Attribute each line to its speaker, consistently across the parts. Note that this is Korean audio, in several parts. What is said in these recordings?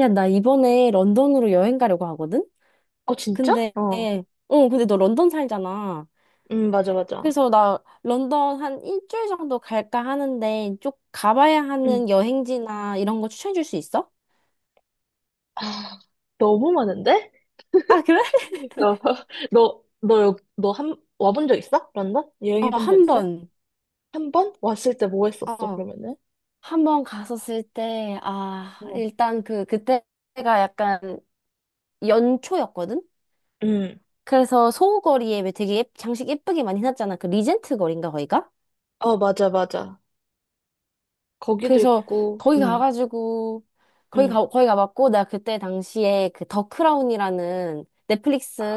Speaker 1: 야, 나 이번에 런던으로 여행 가려고 하거든?
Speaker 2: 어, 진짜?
Speaker 1: 근데, 근데 너 런던 살잖아.
Speaker 2: 맞아, 맞아.
Speaker 1: 그래서 나 런던 한 일주일 정도 갈까 하는데, 쭉 가봐야
Speaker 2: 응.
Speaker 1: 하는 여행지나 이런 거 추천해 줄 수 있어?
Speaker 2: 아, 너무 많은데?
Speaker 1: 아, 그래?
Speaker 2: 너, 너 와본 적 있어? 런던?
Speaker 1: 어,
Speaker 2: 여행해 본 적
Speaker 1: 한
Speaker 2: 있어?
Speaker 1: 번.
Speaker 2: 한 번? 왔을 때 뭐 했었어,
Speaker 1: 어,
Speaker 2: 그러면은?
Speaker 1: 한 번 갔었을 때, 아,
Speaker 2: 어.
Speaker 1: 일단 그때가 약간 연초였거든?
Speaker 2: 응.
Speaker 1: 그래서 소호거리에 왜 되게 장식 예쁘게 많이 해놨잖아. 그 리젠트 거리인가, 거기가?
Speaker 2: 맞아, 맞아. 거기도
Speaker 1: 그래서
Speaker 2: 있고,
Speaker 1: 거기
Speaker 2: 응,
Speaker 1: 가가지고
Speaker 2: 응.
Speaker 1: 거기 가봤고, 나 그때 당시에 그 더 크라운이라는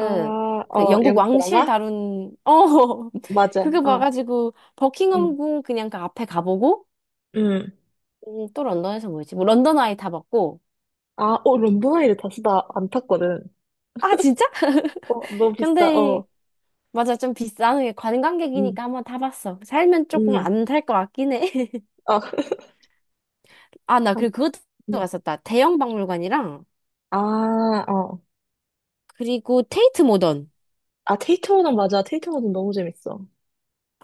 Speaker 2: 아,
Speaker 1: 그
Speaker 2: 어,
Speaker 1: 영국
Speaker 2: 영국
Speaker 1: 왕실
Speaker 2: 드라마?
Speaker 1: 다룬
Speaker 2: 맞아,
Speaker 1: 그거
Speaker 2: 어,
Speaker 1: 봐가지고
Speaker 2: 응.
Speaker 1: 버킹엄 궁 그냥 그 앞에 가보고.
Speaker 2: 응.
Speaker 1: 또 런던에서 뭐였지, 뭐 런던 아이 다 봤고.
Speaker 2: 아, 어, 런던 아이를 다어나 안 탔거든.
Speaker 1: 아 진짜?
Speaker 2: 어, 너무 비싸,
Speaker 1: 근데
Speaker 2: 어.
Speaker 1: 맞아, 좀 비싼 게
Speaker 2: 응,
Speaker 1: 관광객이니까 한번 타봤어. 살면 조금
Speaker 2: 음.
Speaker 1: 안 탈 것 같긴 해. 나
Speaker 2: 아,
Speaker 1: 그리고 그것도
Speaker 2: 응.
Speaker 1: 갔었다, 대형 박물관이랑,
Speaker 2: 아, 어.
Speaker 1: 그리고 테이트 모던.
Speaker 2: 테이트 워낙 맞아. 테이트 워낙 너무 재밌어.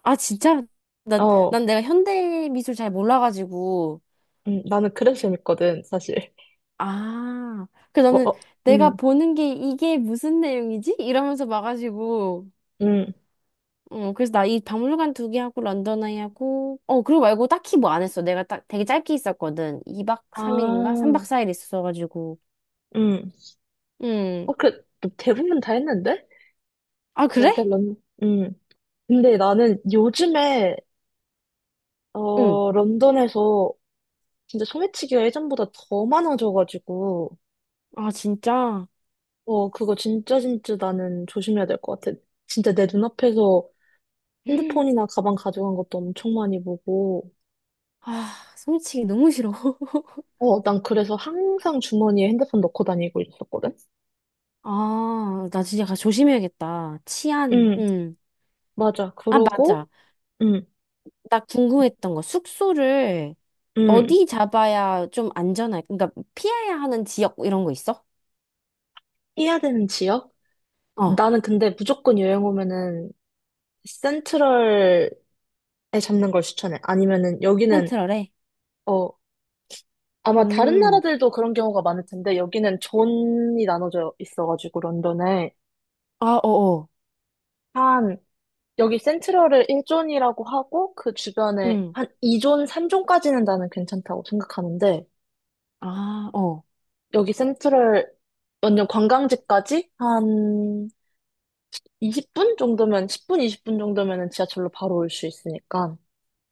Speaker 1: 아, 진짜? 나,
Speaker 2: 어,
Speaker 1: 난 내가 현대 미술 잘 몰라가지고.
Speaker 2: 나는 그래서 재밌거든, 사실.
Speaker 1: 아,
Speaker 2: 뭐,
Speaker 1: 나는
Speaker 2: 어,
Speaker 1: 내가
Speaker 2: 음,
Speaker 1: 보는 게 이게 무슨 내용이지? 이러면서 봐가지고.
Speaker 2: 음.
Speaker 1: 어, 그래서 나 이 박물관 두 개 하고 런던 아이 하고. 어, 그리고 말고 딱히 뭐 안 했어. 내가 딱 되게 짧게 있었거든. 2박 3일인가? 3박
Speaker 2: 아,
Speaker 1: 4일 있었어가지고.
Speaker 2: 음. 어,
Speaker 1: 응.
Speaker 2: 그, 뭐 대부분 다 했는데?
Speaker 1: 아,
Speaker 2: 그러게,
Speaker 1: 그래?
Speaker 2: 런, 음. 근데 나는 요즘에,
Speaker 1: 응.
Speaker 2: 어, 런던에서 진짜 소매치기가 예전보다 더 많아져가지고,
Speaker 1: 아, 진짜?
Speaker 2: 어, 그거 진짜 진짜 나는 조심해야 될 것 같아. 진짜 내 눈앞에서 핸드폰이나 가방 가져간 것도 엄청 많이 보고,
Speaker 1: 아, 솔치기 너무 싫어.
Speaker 2: 어, 난 그래서 항상 주머니에 핸드폰 넣고 다니고 있었거든?
Speaker 1: 아, 나 진짜 조심해야겠다. 치안,
Speaker 2: 응,
Speaker 1: 응.
Speaker 2: 맞아.
Speaker 1: 아,
Speaker 2: 그러고,
Speaker 1: 맞아.
Speaker 2: 응,
Speaker 1: 나 궁금했던 거, 숙소를
Speaker 2: 응.
Speaker 1: 어디 잡아야 좀 안전할, 그러니까 피해야 하는 지역 이런 거 있어?
Speaker 2: 해야 되는 지역?
Speaker 1: 어,
Speaker 2: 나는 근데 무조건 여행 오면은 센트럴에 잡는 걸 추천해. 아니면은 여기는,
Speaker 1: 센트럴에?
Speaker 2: 어, 아마 다른
Speaker 1: 음,
Speaker 2: 나라들도 그런 경우가 많을 텐데, 여기는 존이 나눠져 있어가지고, 런던에.
Speaker 1: 아, 어어,
Speaker 2: 한, 여기 센트럴을 1존이라고 하고, 그 주변에
Speaker 1: 음,
Speaker 2: 한 2존, 3존까지는 나는 괜찮다고 생각하는데,
Speaker 1: 아, 어,
Speaker 2: 여기 센트럴 완전 관광지까지 한 20분 정도면 10분 20분 정도면은 지하철로 바로 올 수 있으니까.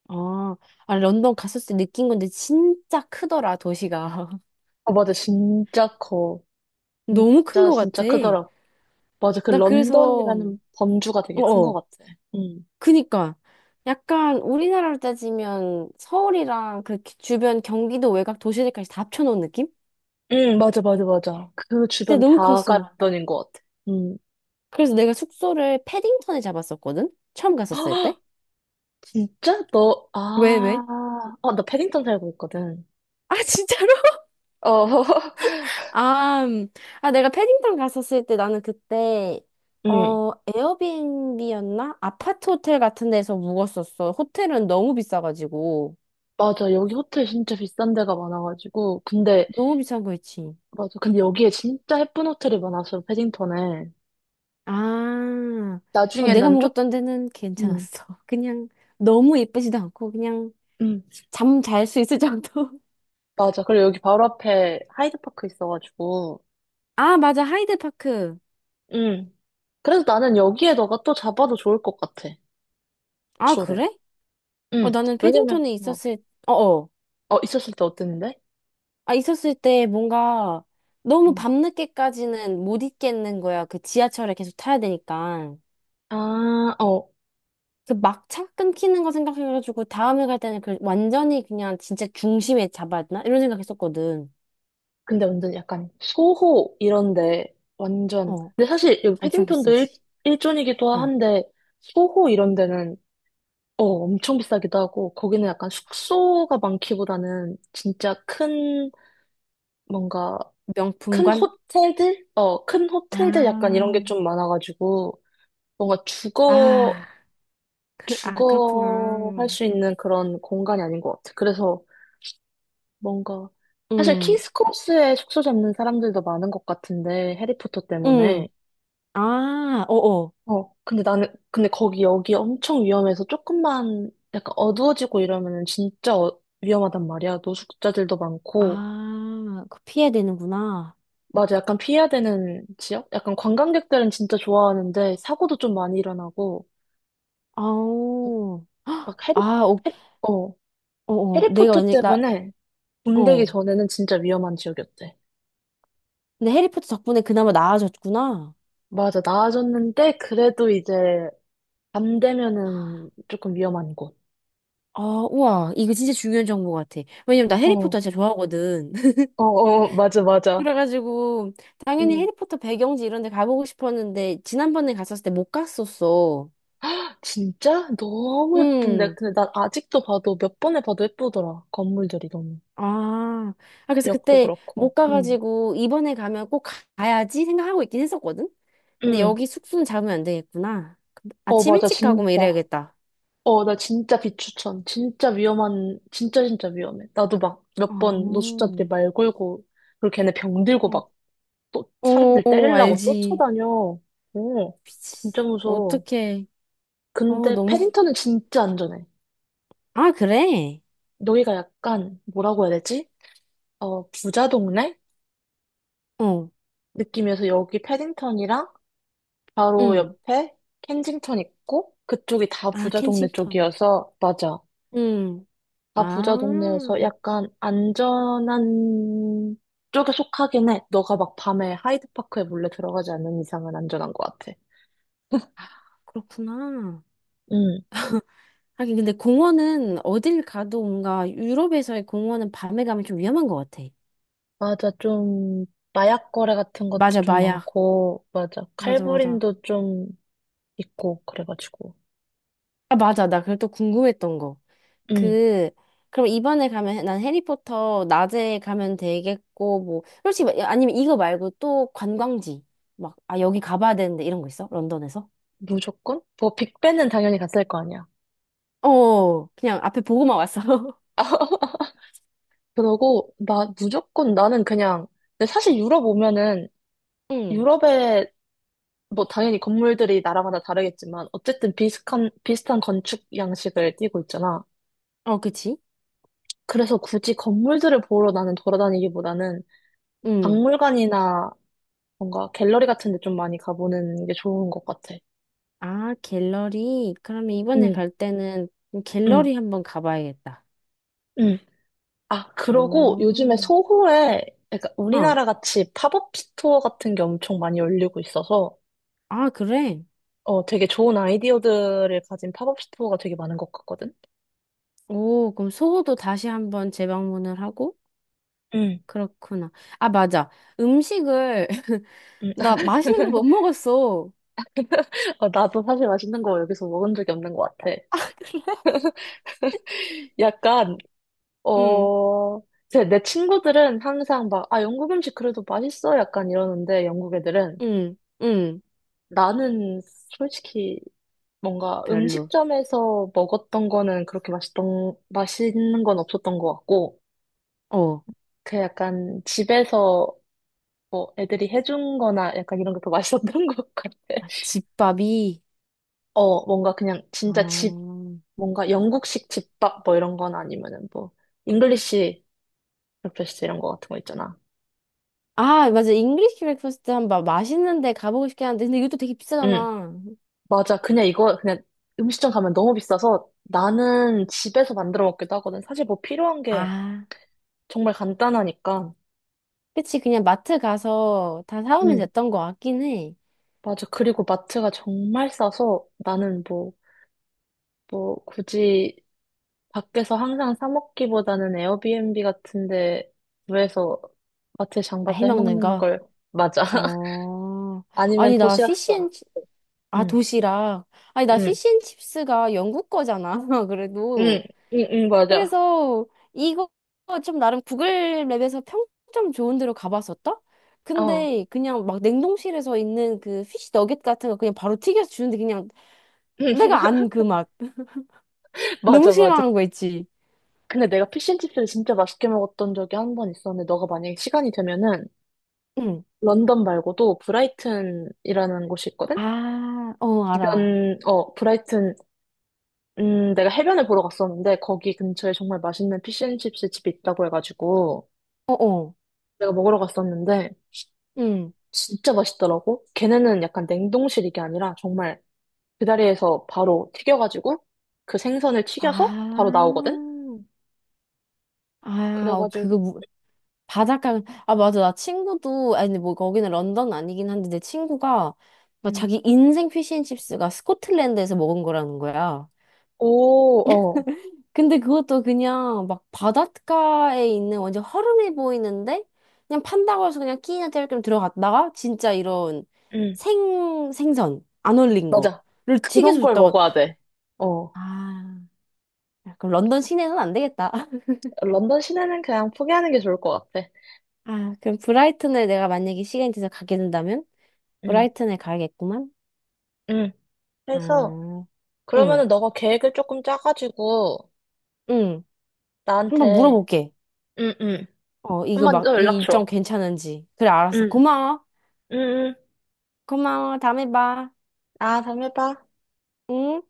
Speaker 1: 아. 아, 런던 갔었을 때 느낀 건데 진짜 크더라, 도시가.
Speaker 2: 아, 맞아 진짜 커.
Speaker 1: 너무 큰
Speaker 2: 진짜
Speaker 1: 거
Speaker 2: 진짜
Speaker 1: 같아.
Speaker 2: 크더라. 맞아, 그
Speaker 1: 나 그래서,
Speaker 2: 런던이라는 범주가 되게 큰 것
Speaker 1: 어어,
Speaker 2: 같아. 응,
Speaker 1: 그니까, 약간 우리나라로 따지면 서울이랑 그렇게 주변 경기도 외곽 도시들까지 다 합쳐놓은 느낌?
Speaker 2: 응, 맞아, 맞아, 맞아. 그
Speaker 1: 진짜
Speaker 2: 주변
Speaker 1: 너무
Speaker 2: 다가
Speaker 1: 컸어.
Speaker 2: 런던인 것 같아. 응.
Speaker 1: 그래서 내가 숙소를 패딩턴에 잡았었거든? 처음 갔었을
Speaker 2: 아
Speaker 1: 때?
Speaker 2: 진짜 너
Speaker 1: 왜,
Speaker 2: 아,
Speaker 1: 왜?
Speaker 2: 아, 나 패딩턴 살고 있거든.
Speaker 1: 아, 진짜로?
Speaker 2: 어.
Speaker 1: 아, 아, 내가 패딩턴 갔었을 때 나는 그때,
Speaker 2: 응,
Speaker 1: 에어비앤비였나? 아파트 호텔 같은 데서 묵었었어. 호텔은 너무 비싸가지고.
Speaker 2: 맞아. 여기 호텔 진짜 비싼 데가 많아가지고. 근데
Speaker 1: 너무 비싼 거 있지.
Speaker 2: 맞아. 근데 여기에 진짜 예쁜 호텔이 많았어, 패딩턴에.
Speaker 1: 아, 어,
Speaker 2: 나중에
Speaker 1: 내가
Speaker 2: 난 쪽,
Speaker 1: 묵었던 데는
Speaker 2: 응,
Speaker 1: 괜찮았어. 그냥 너무 예쁘지도 않고, 그냥
Speaker 2: 응,
Speaker 1: 잠 잘 수 있을 정도.
Speaker 2: 맞아. 그리고 여기 바로 앞에 하이드파크 있어가지고,
Speaker 1: 아, 맞아. 하이드파크.
Speaker 2: 응. 그래서 나는 여기에 너가 또 잡아도 좋을 것 같아,
Speaker 1: 아,
Speaker 2: 쇼를.
Speaker 1: 그래? 어,
Speaker 2: 응.
Speaker 1: 나는
Speaker 2: 왜냐면,
Speaker 1: 패딩턴에
Speaker 2: 어,
Speaker 1: 있었을, 어어.
Speaker 2: 어, 있었을 때 어땠는데?
Speaker 1: 아, 있었을 때 뭔가 너무
Speaker 2: 응.
Speaker 1: 밤늦게까지는 못 있겠는 거야. 그 지하철에 계속 타야 되니까.
Speaker 2: 아, 어.
Speaker 1: 그 막차 끊기는 거 생각해가지고 다음에 갈 때는 그 완전히 그냥 진짜 중심에 잡아야 되나? 이런 생각했었거든.
Speaker 2: 근데 완전 약간 소호 이런데, 완전.
Speaker 1: 어,
Speaker 2: 근데 사실 여기
Speaker 1: 엄청 비싸지.
Speaker 2: 일존이기도
Speaker 1: 어,
Speaker 2: 한데, 소호 이런 데는 어, 엄청 비싸기도 하고, 거기는 약간 숙소가 많기보다는 뭔가, 큰
Speaker 1: 명품관?
Speaker 2: 호텔들? 어, 큰 호텔들 약간 이런
Speaker 1: 아,
Speaker 2: 게 좀 많아가지고, 뭔가 주거,
Speaker 1: 아, 아,
Speaker 2: 주거 할
Speaker 1: 그렇구나.
Speaker 2: 수 있는 그런 공간이 아닌 것 같아. 뭔가, 사실
Speaker 1: 응,
Speaker 2: 킹스 크로스에 숙소 잡는 사람들도 많은 것 같은데, 해리포터
Speaker 1: 응.
Speaker 2: 때문에.
Speaker 1: 아, 어어.
Speaker 2: 어, 근데 나는, 근데 거기 여기 엄청 위험해서 조금만 약간 어두워지고 이러면은 진짜 위험하단 말이야. 노숙자들도 많고.
Speaker 1: 아, 그 피해야 되는구나.
Speaker 2: 맞아, 약간 피해야 되는 지역? 약간 관광객들은 진짜 좋아하는데 사고도 좀 많이 일어나고.
Speaker 1: 아오.
Speaker 2: 막 해리,
Speaker 1: 아, 오,
Speaker 2: 해, 어,
Speaker 1: 어어. 내가
Speaker 2: 해리포터
Speaker 1: 만약에, 나,
Speaker 2: 때문에 붐되기
Speaker 1: 어.
Speaker 2: 전에는 진짜 위험한 지역이었대.
Speaker 1: 근데 해리포터 덕분에 그나마 나아졌구나.
Speaker 2: 맞아, 나아졌는데 그래도 이제 밤 되면은 조금 위험한 곳.
Speaker 1: 아, 우와. 이거 진짜 중요한 정보 같아. 왜냐면 나
Speaker 2: 어,
Speaker 1: 해리포터 진짜 좋아하거든.
Speaker 2: 어, 어, 맞아, 맞아.
Speaker 1: 그래가지고, 당연히
Speaker 2: 응.
Speaker 1: 해리포터 배경지 이런 데 가보고 싶었는데, 지난번에 갔었을 때 못 갔었어.
Speaker 2: 진짜? 너무 예쁜데.
Speaker 1: 음.
Speaker 2: 근데 난 아직도 봐도 몇 번에 봐도 예쁘더라. 건물들이 너무.
Speaker 1: 아. 아, 그래서
Speaker 2: 역도
Speaker 1: 그때
Speaker 2: 그렇고.
Speaker 1: 못
Speaker 2: 응.
Speaker 1: 가가지고, 이번에 가면 꼭 가야지 생각하고 있긴 했었거든? 근데
Speaker 2: 응.
Speaker 1: 여기 숙소는 잡으면 안 되겠구나.
Speaker 2: 어,
Speaker 1: 아침
Speaker 2: 맞아.
Speaker 1: 일찍 가고 막
Speaker 2: 진짜.
Speaker 1: 이래야겠다.
Speaker 2: 어, 나 진짜 비추천. 진짜 진짜 진짜 위험해. 나도 막 몇 번
Speaker 1: 어,
Speaker 2: 노숙자들이 말 걸고, 그리고 걔네 병 들고 막 또
Speaker 1: 어,
Speaker 2: 사람들
Speaker 1: 어,
Speaker 2: 때리려고
Speaker 1: 알지.
Speaker 2: 쫓아다녀. 어,
Speaker 1: 미치.
Speaker 2: 진짜 무서워.
Speaker 1: 어떡해. 어,
Speaker 2: 근데
Speaker 1: 너무.
Speaker 2: 패딩턴은 진짜 안전해.
Speaker 1: 아, 그래?
Speaker 2: 여기가 약간, 뭐라고 해야 되지? 어, 부자 동네?
Speaker 1: 어,
Speaker 2: 느낌이어서 여기 패딩턴이랑 바로
Speaker 1: 응.
Speaker 2: 옆에 켄징턴 있고 그쪽이 다
Speaker 1: 아,
Speaker 2: 부자 동네
Speaker 1: 켄싱턴.
Speaker 2: 쪽이어서 맞아.
Speaker 1: 응.
Speaker 2: 다 부자 동네여서
Speaker 1: 아,
Speaker 2: 약간 안전한 쪽에 속하긴 해. 너가 막 밤에 하이드파크에 몰래 들어가지 않는 이상은 안전한 것 같아.
Speaker 1: 그렇구나.
Speaker 2: 응,
Speaker 1: 하긴, 근데 공원은 어딜 가도 뭔가 유럽에서의 공원은 밤에 가면 좀 위험한 것 같아.
Speaker 2: 맞아. 좀 마약 거래 같은 것도
Speaker 1: 맞아,
Speaker 2: 좀
Speaker 1: 마약.
Speaker 2: 많고 맞아.
Speaker 1: 맞아, 맞아.
Speaker 2: 칼부림도 좀 있고 그래가지고.
Speaker 1: 아, 맞아. 나 그걸 또 궁금했던 거.
Speaker 2: 응.
Speaker 1: 그, 그럼 이번에 가면 난 해리포터 낮에 가면 되겠고, 뭐, 솔직히, 아니면 이거 말고 또 관광지, 막, 아, 여기 가봐야 되는데 이런 거 있어? 런던에서?
Speaker 2: 무조건 뭐 빅벤은 당연히 갔을 거 아니야.
Speaker 1: 어, 그냥 앞에 보고만 왔어.
Speaker 2: 그러고 나 무조건 나는 그냥 근데 사실 유럽 오면은
Speaker 1: 응.
Speaker 2: 유럽에 뭐 당연히 건물들이 나라마다 다르겠지만 어쨌든 비슷한 건축 양식을 띠고 있잖아.
Speaker 1: 어, 그치?
Speaker 2: 그래서 굳이 건물들을 보러 나는 돌아다니기보다는
Speaker 1: 응.
Speaker 2: 박물관이나 뭔가 갤러리 같은 데 좀 많이 가보는 게 좋은 것 같아.
Speaker 1: 아, 갤러리. 그러면 이번에
Speaker 2: 응,
Speaker 1: 갈 때는
Speaker 2: 응,
Speaker 1: 갤러리 한번 가봐야겠다.
Speaker 2: 응. 아, 그러고 요즘에
Speaker 1: 오.
Speaker 2: 소호에 그러니까
Speaker 1: 어.
Speaker 2: 우리나라 같이 팝업 스토어 같은 게 엄청 많이 열리고 있어서
Speaker 1: 아, 그래?
Speaker 2: 어, 되게 좋은 아이디어들을 가진 팝업 스토어가 되게 많은 것 같거든.
Speaker 1: 오, 그럼 소호도 다시 한번 재방문을 하고?
Speaker 2: 응,
Speaker 1: 그렇구나. 아, 맞아. 음식을,
Speaker 2: 응.
Speaker 1: 나 맛있는 걸 못 먹었어.
Speaker 2: 어, 나도 사실 맛있는 거 여기서 먹은 적이 없는 것 같아. 약간,
Speaker 1: 응,
Speaker 2: 어, 내 친구들은 항상 막, 아, 영국 음식 그래도 맛있어? 약간 이러는데, 영국 애들은.
Speaker 1: 응, 응.
Speaker 2: 나는 솔직히 뭔가
Speaker 1: 별로.
Speaker 2: 음식점에서 먹었던 거는 그렇게 맛있는 건 없었던 것 같고,
Speaker 1: 어.
Speaker 2: 그 약간 집에서 뭐 애들이 해준 거나 약간 이런 게 더 맛있었던 것 같아.
Speaker 1: 아, 집밥이.
Speaker 2: 어, 뭔가 그냥 진짜 집,
Speaker 1: 어.
Speaker 2: 뭔가 영국식 집밥 뭐 이런 건 아니면은 뭐, 잉글리시 브렉퍼스트 이런 거 같은 거 있잖아.
Speaker 1: 아, 맞아. 잉글리시 브렉퍼스트 한번 맛있는 데 가보고 싶긴 한데, 근데 이것도 되게
Speaker 2: 응,
Speaker 1: 비싸잖아.
Speaker 2: 맞아. 그냥 음식점 가면 너무 비싸서 나는 집에서 만들어 먹기도 하거든. 사실 뭐 필요한 게
Speaker 1: 아.
Speaker 2: 정말 간단하니까.
Speaker 1: 그치, 그냥 마트 가서 다 사오면
Speaker 2: 응,
Speaker 1: 됐던 거 같긴 해.
Speaker 2: 맞아. 그리고 마트가 정말 싸서 나는 뭐, 굳이 밖에서 항상 사 먹기보다는 에어비앤비 같은 데 구해서 마트에 장
Speaker 1: 아,
Speaker 2: 봐서 해
Speaker 1: 해먹는
Speaker 2: 먹는
Speaker 1: 거?
Speaker 2: 걸, 맞아.
Speaker 1: 어,
Speaker 2: 아니면
Speaker 1: 아니, 나 피시앤,
Speaker 2: 도시락사.
Speaker 1: 아,
Speaker 2: 응,
Speaker 1: 도시락. 아니, 나
Speaker 2: 응,
Speaker 1: 피시앤칩스가 영국 거잖아,
Speaker 2: 응,
Speaker 1: 그래도.
Speaker 2: 응, 맞아.
Speaker 1: 그래서 이거 좀 나름 구글 맵에서 평점 좋은 데로 가봤었다?
Speaker 2: 어.
Speaker 1: 근데 그냥 막 냉동실에서 있는 그 피시 너겟 같은 거 그냥 바로 튀겨서 주는데, 그냥 내가 안 그 맛. 너무
Speaker 2: 맞아, 맞아.
Speaker 1: 실망한 거 있지?
Speaker 2: 근데 내가 피쉬앤칩스를 진짜 맛있게 먹었던 적이 한 번 있었는데, 너가 만약에 시간이 되면은,
Speaker 1: 응.
Speaker 2: 런던 말고도 브라이튼이라는 곳이 있거든?
Speaker 1: 아, 어, 알아.
Speaker 2: 주변, 어, 브라이튼, 내가 해변을 보러 갔었는데, 거기 근처에 정말 맛있는 피쉬앤칩스 집이 있다고 해가지고,
Speaker 1: 어어.
Speaker 2: 내가 먹으러 갔었는데, 진짜 맛있더라고. 걔네는 약간 냉동실 이게 아니라, 정말 그 다리에서 바로 튀겨가지고 그 생선을
Speaker 1: 아,
Speaker 2: 튀겨서 바로 나오거든?
Speaker 1: 아, 어, 그거,
Speaker 2: 그래가지고,
Speaker 1: 바닷가, 아, 맞아. 나 친구도, 아니, 근데 뭐, 거기는 런던 아니긴 한데, 내 친구가 막
Speaker 2: 음.
Speaker 1: 자기 인생 피쉬앤칩스가 스코틀랜드에서 먹은 거라는 거야.
Speaker 2: 오, 어,
Speaker 1: 근데 그것도 그냥, 막, 바닷가에 있는 완전 허름해 보이는데, 그냥 판다고 해서 그냥 끼니나 때울 겸 들어갔다가, 진짜 이런
Speaker 2: 음,
Speaker 1: 생선, 안 얼린
Speaker 2: 맞아.
Speaker 1: 거를
Speaker 2: 그런
Speaker 1: 튀겨서
Speaker 2: 걸
Speaker 1: 줬다고.
Speaker 2: 먹어야 돼. 어,
Speaker 1: 아, 그럼 런던 시내는 안 되겠다.
Speaker 2: 런던 시내는 그냥 포기하는 게 좋을 것 같아.
Speaker 1: 아, 그럼 브라이튼에 내가 만약에 시간이 돼서 가게 된다면?
Speaker 2: 음,
Speaker 1: 브라이튼에 가야겠구만.
Speaker 2: 음. 그래서,
Speaker 1: 아, 응,
Speaker 2: 그러면은 너가 계획을 조금 짜가지고,
Speaker 1: 응. 한번
Speaker 2: 나한테,
Speaker 1: 물어볼게.
Speaker 2: 응, 응.
Speaker 1: 어, 이거
Speaker 2: 한번
Speaker 1: 막,
Speaker 2: 더
Speaker 1: 이
Speaker 2: 연락 줘.
Speaker 1: 일정 괜찮은지. 그래, 알았어.
Speaker 2: 응,
Speaker 1: 고마워.
Speaker 2: 응, 응.
Speaker 1: 고마워. 다음에 봐.
Speaker 2: 아, 다음에 봐.
Speaker 1: 응?